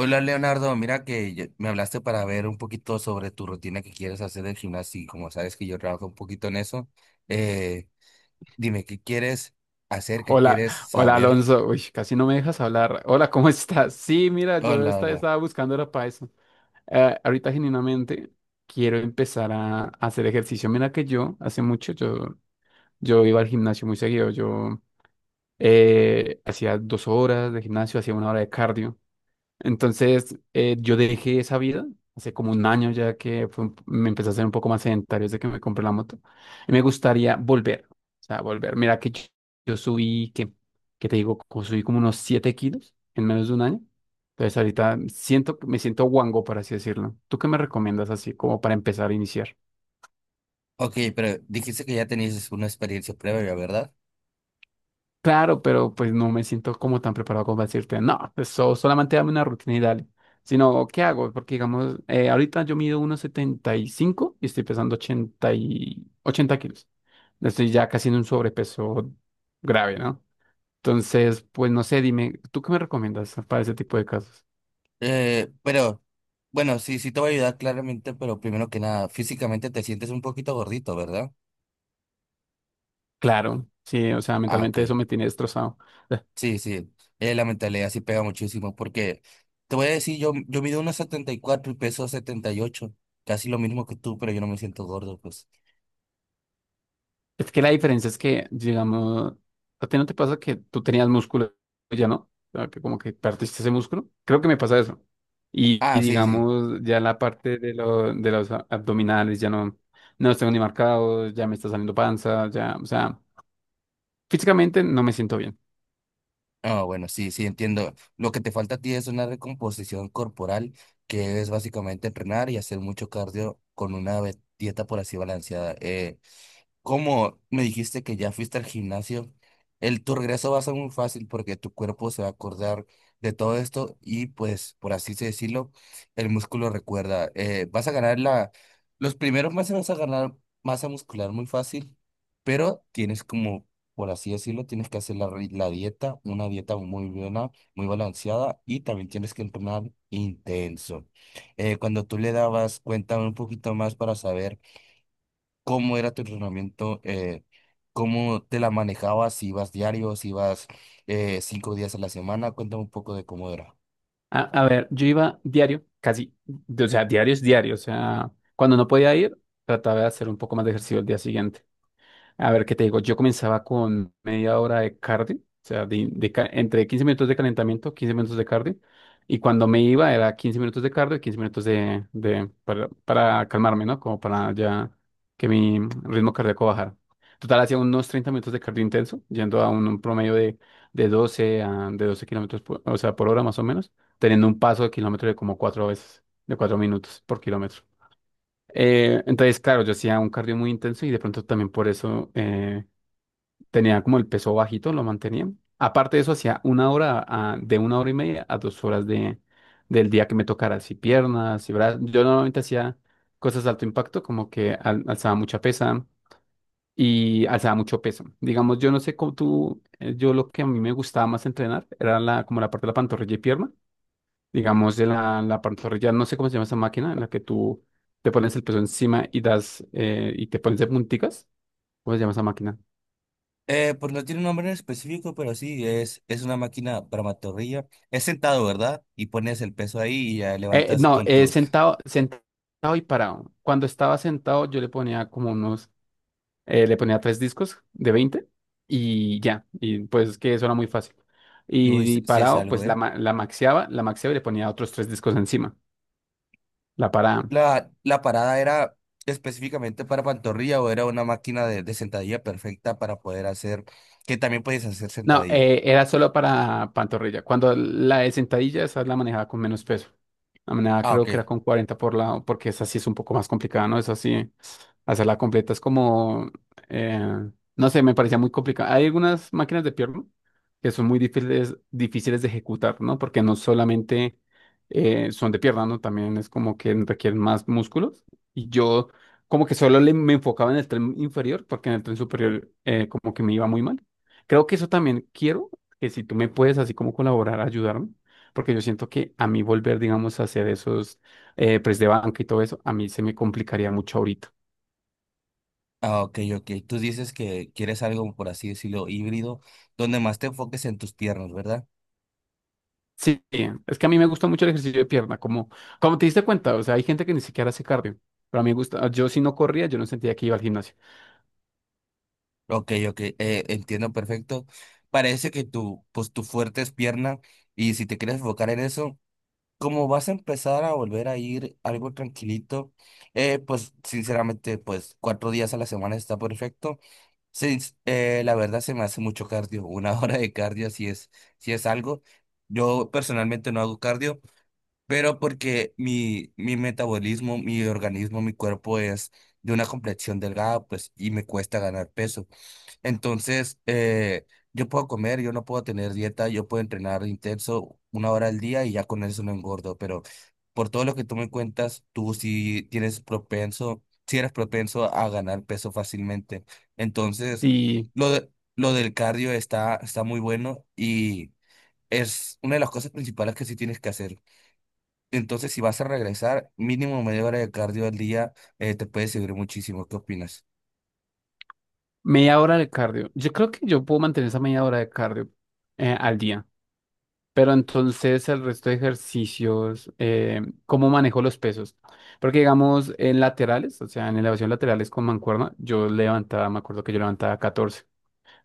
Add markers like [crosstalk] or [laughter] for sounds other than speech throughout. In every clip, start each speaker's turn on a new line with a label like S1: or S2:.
S1: Hola Leonardo, mira que me hablaste para ver un poquito sobre tu rutina que quieres hacer del gimnasio y como sabes que yo trabajo un poquito en eso, eh, dime qué quieres hacer, qué
S2: Hola,
S1: quieres
S2: hola
S1: saber.
S2: Alonso. Uy, casi no me dejas hablar. Hola, ¿cómo [laughs] estás? Sí, mira, yo
S1: Hola, hola.
S2: estaba buscando era para eso. Ahorita genuinamente quiero empezar a hacer ejercicio. Mira que yo hace mucho yo iba al gimnasio muy seguido. Yo hacía 2 horas de gimnasio, hacía 1 hora de cardio. Entonces, yo dejé esa vida hace como un año ya que fue me empecé a ser un poco más sedentario desde que me compré la moto. Y me gustaría volver, o sea, volver. Mira que yo subí, que te digo, como subí como unos 7 kilos en menos de un año. Entonces, ahorita me siento guango, por así decirlo. ¿Tú qué me recomiendas así como para empezar a iniciar?
S1: Ok, pero dijiste que ya tenías una experiencia previa, ¿verdad?
S2: Claro, pero pues no me siento como tan preparado como para decirte, no, eso solamente dame una rutina y dale. Sino, ¿qué hago? Porque digamos, ahorita yo mido 1,75 y estoy pesando 80 y 80 kilos. Estoy ya casi en un sobrepeso grave, ¿no? Entonces, pues no sé, dime, ¿tú qué me recomiendas para ese tipo de casos?
S1: Pero bueno, sí, sí te voy a ayudar claramente, pero primero que nada, físicamente te sientes un poquito gordito, ¿verdad?
S2: Claro, sí, o sea,
S1: Ah, ok.
S2: mentalmente eso me tiene destrozado. [laughs]
S1: Sí, sí, la mentalidad sí pega muchísimo porque te voy a decir, yo mido unos 74 y peso 78, casi lo mismo que tú, pero yo no me siento gordo, pues.
S2: Es que la diferencia es que, digamos, ¿a ti no te pasa que tú tenías músculo y ya no? O sea, que como que perdiste ese músculo. Creo que me pasa eso. Y
S1: Ah, sí, sí.
S2: digamos, ya la parte de, de los abdominales ya no, no los tengo ni marcados, ya me está saliendo panza, ya, o sea, físicamente no me siento bien.
S1: Ah, bueno, sí, sí, entiendo. Lo que te falta a ti es una recomposición corporal, que es básicamente entrenar y hacer mucho cardio con una dieta por así balanceada. Como me dijiste que ya fuiste al gimnasio, el tu regreso va a ser muy fácil porque tu cuerpo se va a acordar de todo esto y pues por así se decirlo, el músculo recuerda. Vas a ganar los primeros meses vas a ganar masa muscular muy fácil, pero tienes como, por así decirlo, tienes que hacer la dieta, una dieta muy buena, muy balanceada y también tienes que entrenar intenso. Cuando tú le dabas, cuéntame un poquito más para saber cómo era tu entrenamiento, cómo te la manejabas, si ibas diario, si ibas 5 días a la semana. Cuéntame un poco de cómo era.
S2: A ver, yo iba diario, casi, o sea, diario es diario, o sea, cuando no podía ir, trataba de hacer un poco más de ejercicio el día siguiente. A ver, ¿qué te digo? Yo comenzaba con media hora de cardio, o sea, entre 15 minutos de calentamiento, 15 minutos de cardio, y cuando me iba era 15 minutos de cardio y 15 minutos de, para calmarme, ¿no? Como para ya que mi ritmo cardíaco bajara. Total, hacía unos 30 minutos de cardio intenso, yendo a un promedio de, de 12 kilómetros por, o sea, por hora más o menos, teniendo un paso de kilómetro de como cuatro veces, de 4 minutos por kilómetro. Entonces, claro, yo hacía un cardio muy intenso y de pronto también por eso tenía como el peso bajito, lo mantenía. Aparte de eso, hacía una hora, de 1 hora y media a 2 horas de, del día que me tocara, así piernas, y brazos. Yo normalmente hacía cosas de alto impacto, como que alzaba mucha pesa y alzaba mucho peso. Digamos, yo no sé cómo tú, yo lo que a mí me gustaba más entrenar era la, como la parte de la pantorrilla y pierna. Digamos, de la pantorrilla, no sé cómo se llama esa máquina en la que tú te pones el peso encima y das, y te pones de punticas. ¿Cómo se llama esa máquina?
S1: Pues no tiene un nombre en específico, pero sí, es una máquina para pantorrilla. Es sentado, ¿verdad? Y pones el peso ahí y ya
S2: Eh,
S1: levantas
S2: no,
S1: con
S2: eh,
S1: tus...
S2: sentado, sentado y parado. Cuando estaba sentado, yo le ponía como unos, le ponía tres discos de 20 y ya. Y pues es que eso era muy fácil.
S1: Uy, si
S2: Y,
S1: si es
S2: parado,
S1: algo,
S2: pues la,
S1: ¿eh?
S2: la maxeaba, y le ponía otros tres discos encima. La parada.
S1: La parada era específicamente para pantorrilla o era una máquina de sentadilla perfecta para poder hacer, que también puedes hacer
S2: No,
S1: sentadilla.
S2: eh, era solo para pantorrilla. Cuando la de sentadilla, esa la manejaba con menos peso. La manejaba
S1: Ah,
S2: creo
S1: ok.
S2: que era con 40 por lado, porque esa sí es un poco más complicada, ¿no? Esa sí, hacerla completa es como, eh, no sé, me parecía muy complicada. Hay algunas máquinas de pierna que son muy difíciles, difíciles de ejecutar, ¿no? Porque no solamente son de pierna, ¿no? También es como que requieren más músculos. Y yo como que solo me enfocaba en el tren inferior, porque en el tren superior como que me iba muy mal. Creo que eso también quiero, que si tú me puedes así como colaborar, ayudarme, porque yo siento que a mí volver, digamos, a hacer esos press de banca y todo eso, a mí se me complicaría mucho ahorita.
S1: Ah, ok, ok. Tú dices que quieres algo, por así decirlo, híbrido, donde más te enfoques en tus piernas, ¿verdad?
S2: Sí, es que a mí me gusta mucho el ejercicio de pierna, como te diste cuenta, o sea, hay gente que ni siquiera hace cardio, pero a mí me gusta, yo si no corría, yo no sentía que iba al gimnasio.
S1: Ok, ok, entiendo perfecto. Parece que tu, pues tu fuerte es pierna y si te quieres enfocar en eso, como vas a empezar a volver a ir algo tranquilito, pues sinceramente, pues 4 días a la semana está perfecto. Sí, la verdad se me hace mucho cardio, una [laughs] hora de cardio si si es algo. Yo personalmente no hago cardio, pero porque mi metabolismo, mi organismo, mi cuerpo es de una complexión delgada, pues, y me cuesta ganar peso. Entonces, yo puedo comer, yo no puedo tener dieta, yo puedo entrenar intenso una hora al día y ya con eso no engordo, pero por todo lo que tú me cuentas, tú sí tienes propenso, sí eres propenso a ganar peso fácilmente. Entonces,
S2: Sí,
S1: lo de- lo del cardio está muy bueno y es una de las cosas principales que sí tienes que hacer. Entonces, si vas a regresar, mínimo media hora de cardio al día, te puede servir muchísimo. ¿Qué opinas?
S2: media hora de cardio, yo creo que yo puedo mantener esa media hora de cardio al día. Pero entonces el resto de ejercicios, ¿cómo manejo los pesos? Porque digamos en laterales, o sea, en elevación laterales con mancuerna, yo levantaba, me acuerdo que yo levantaba 14.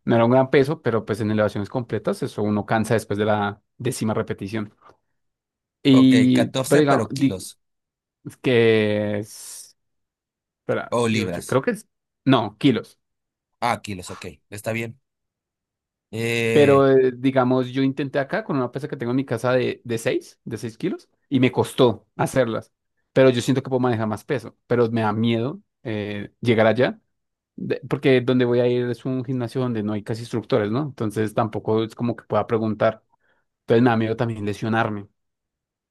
S2: No era un gran peso, pero pues en elevaciones completas eso uno cansa después de la décima repetición.
S1: Ok,
S2: Y, pero
S1: 14
S2: digamos,
S1: pero kilos
S2: que es, espera,
S1: o
S2: 18
S1: libras.
S2: creo que es, no, kilos.
S1: Ah, kilos, ok, está bien. Eh,
S2: Pero digamos, yo intenté acá con una pesa que tengo en mi casa de, de 6 kilos, y me costó hacerlas. Pero yo siento que puedo manejar más peso, pero me da miedo llegar allá, porque donde voy a ir es un gimnasio donde no hay casi instructores, ¿no? Entonces tampoco es como que pueda preguntar. Entonces me da miedo también lesionarme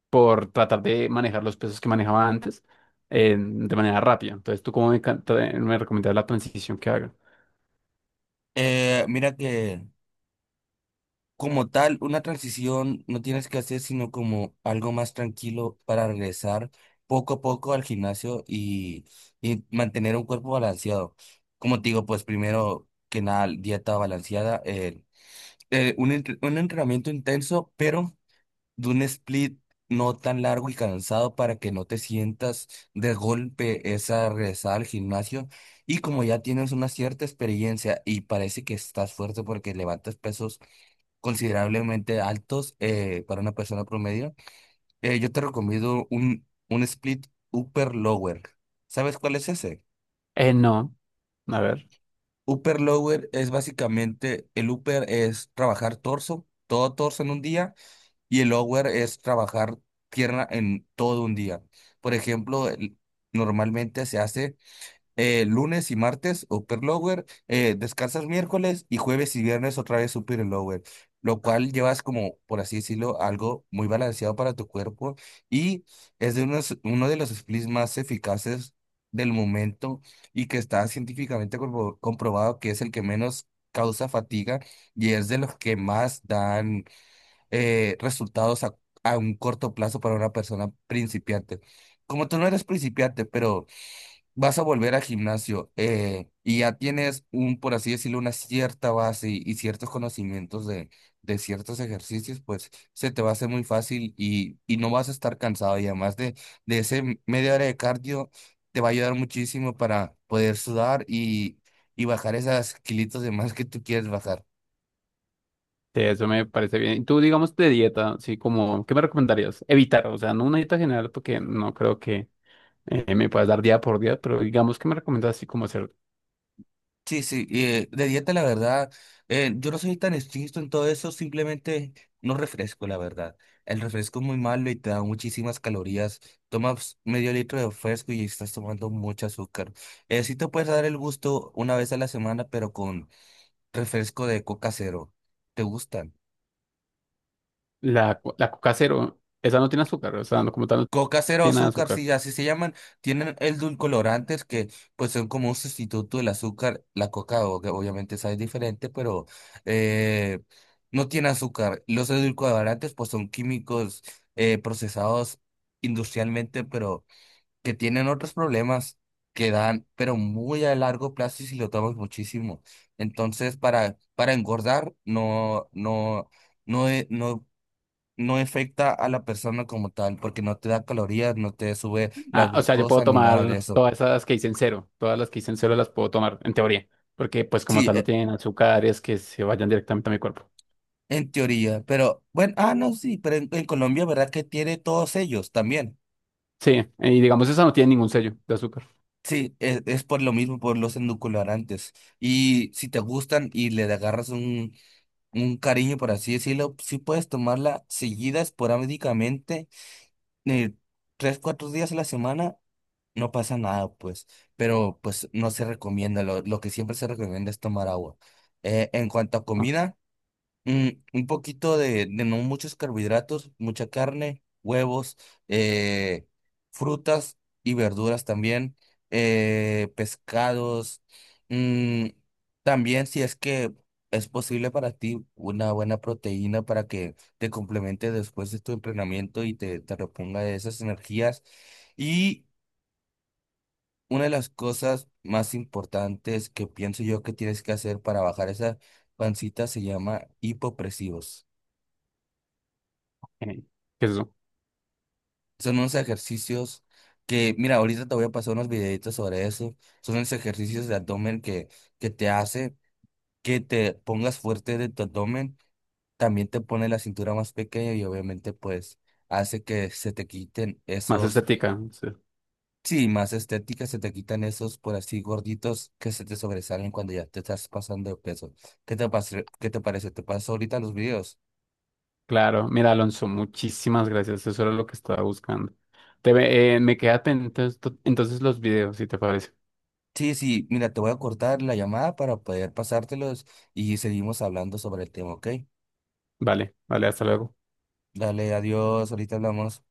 S2: por tratar de manejar los pesos que manejaba antes de manera rápida. Entonces, ¿tú cómo me, me recomiendas la transición que haga?
S1: mira que como tal, una transición no tienes que hacer, sino como algo más tranquilo para regresar poco a poco al gimnasio y mantener un cuerpo balanceado. Como te digo, pues primero que nada, dieta balanceada, un entrenamiento intenso, pero de un split no tan largo y cansado para que no te sientas de golpe esa regresada al gimnasio. Y como ya tienes una cierta experiencia y parece que estás fuerte porque levantas pesos considerablemente altos, para una persona promedio, yo te recomiendo un split upper lower. ¿Sabes cuál es ese?
S2: No, a ver.
S1: Upper lower es básicamente, el upper es trabajar torso, todo torso en un día. Y el hour es trabajar tierra en todo un día. Por ejemplo, normalmente se hace lunes y martes upper lower, descansas miércoles y jueves y viernes otra vez upper y lower, lo cual llevas como, por así decirlo, algo muy balanceado para tu cuerpo y es de unos, uno de los splits más eficaces del momento y que está científicamente comprobado que es el que menos causa fatiga y es de los que más dan resultados a un corto plazo para una persona principiante. Como tú no eres principiante, pero vas a volver al gimnasio, y ya tienes un, por así decirlo, una cierta base y ciertos conocimientos de ciertos ejercicios, pues se te va a hacer muy fácil y no vas a estar cansado. Y además de ese media hora de cardio, te va a ayudar muchísimo para poder sudar y bajar esas kilitos de más que tú quieres bajar.
S2: Sí, eso me parece bien. Y tú, digamos, de dieta, sí, como, ¿qué me recomendarías? Evitar, o sea, no una dieta general, porque no creo que me puedas dar día por día, pero digamos, ¿qué me recomiendas así como hacer?
S1: Sí, sí, y, de dieta la verdad, yo no soy tan estricto en todo eso, simplemente no refresco, la verdad. El refresco es muy malo y te da muchísimas calorías. Tomas medio litro de refresco y estás tomando mucho azúcar. Sí te puedes dar el gusto una vez a la semana, pero con refresco de coca cero. ¿Te gusta?
S2: La, la coca cero, esa no tiene azúcar, o sea, no, como tal, no
S1: Coca cero
S2: tiene
S1: azúcar,
S2: azúcar.
S1: sí, así se llaman, tienen edulcorantes que pues son como un sustituto del azúcar. La que obviamente sabe diferente, pero eh, no tiene azúcar. Los edulcorantes pues son químicos, procesados industrialmente, pero que tienen otros problemas que dan, pero muy a largo plazo y si lo tomas muchísimo. Entonces, para engordar, no, no, no, no afecta a la persona como tal, porque no te da calorías, no te sube la
S2: Ah, o sea, yo puedo
S1: glucosa ni nada de
S2: tomar
S1: eso.
S2: todas esas que dicen cero, todas las que dicen cero las puedo tomar, en teoría, porque pues como
S1: Sí,
S2: tal no tienen azúcares que se vayan directamente a mi cuerpo.
S1: en teoría, pero bueno, ah, no, sí, pero en Colombia, ¿verdad que tiene todos ellos también?
S2: Sí, y digamos esa no tiene ningún sello de azúcar.
S1: Sí, es, por lo mismo, por los endulcorantes. Y si te gustan y le agarras un cariño, por así decirlo, sí puedes tomarla seguida esporádicamente, eh, 3, 4 días a la semana. No pasa nada, pues, pero pues no se recomienda, lo que siempre se recomienda es tomar agua. En cuanto a
S2: Ah,
S1: comida, mm, un poquito de no muchos carbohidratos, mucha carne, huevos, eh, frutas y verduras también, pescados, mm, también si es que es posible para ti una buena proteína para que te complemente después de tu entrenamiento y te reponga de esas energías. Y una de las cosas más importantes que pienso yo que tienes que hacer para bajar esa pancita se llama hipopresivos.
S2: eh, ¿qué es eso?
S1: Son unos ejercicios que, mira, ahorita te voy a pasar unos videitos sobre eso. Son unos ejercicios de abdomen que te hace que te pongas fuerte de tu abdomen. También te pone la cintura más pequeña y obviamente pues hace que se te quiten
S2: Más
S1: esos.
S2: estética. Sí.
S1: Sí, más estética, se te quitan esos por así gorditos que se te sobresalen cuando ya te estás pasando de peso. ¿Qué te parece? ¿Qué te parece? ¿Te paso ahorita los videos?
S2: Claro, mira Alonso, muchísimas gracias, eso era lo que estaba buscando. Me queda pendiente entonces los videos, si te parece.
S1: Sí, sí, mira, te voy a cortar la llamada para poder pasártelos y seguimos hablando sobre el tema, ¿ok?
S2: Vale, vale, hasta luego.
S1: Dale, adiós, ahorita hablamos.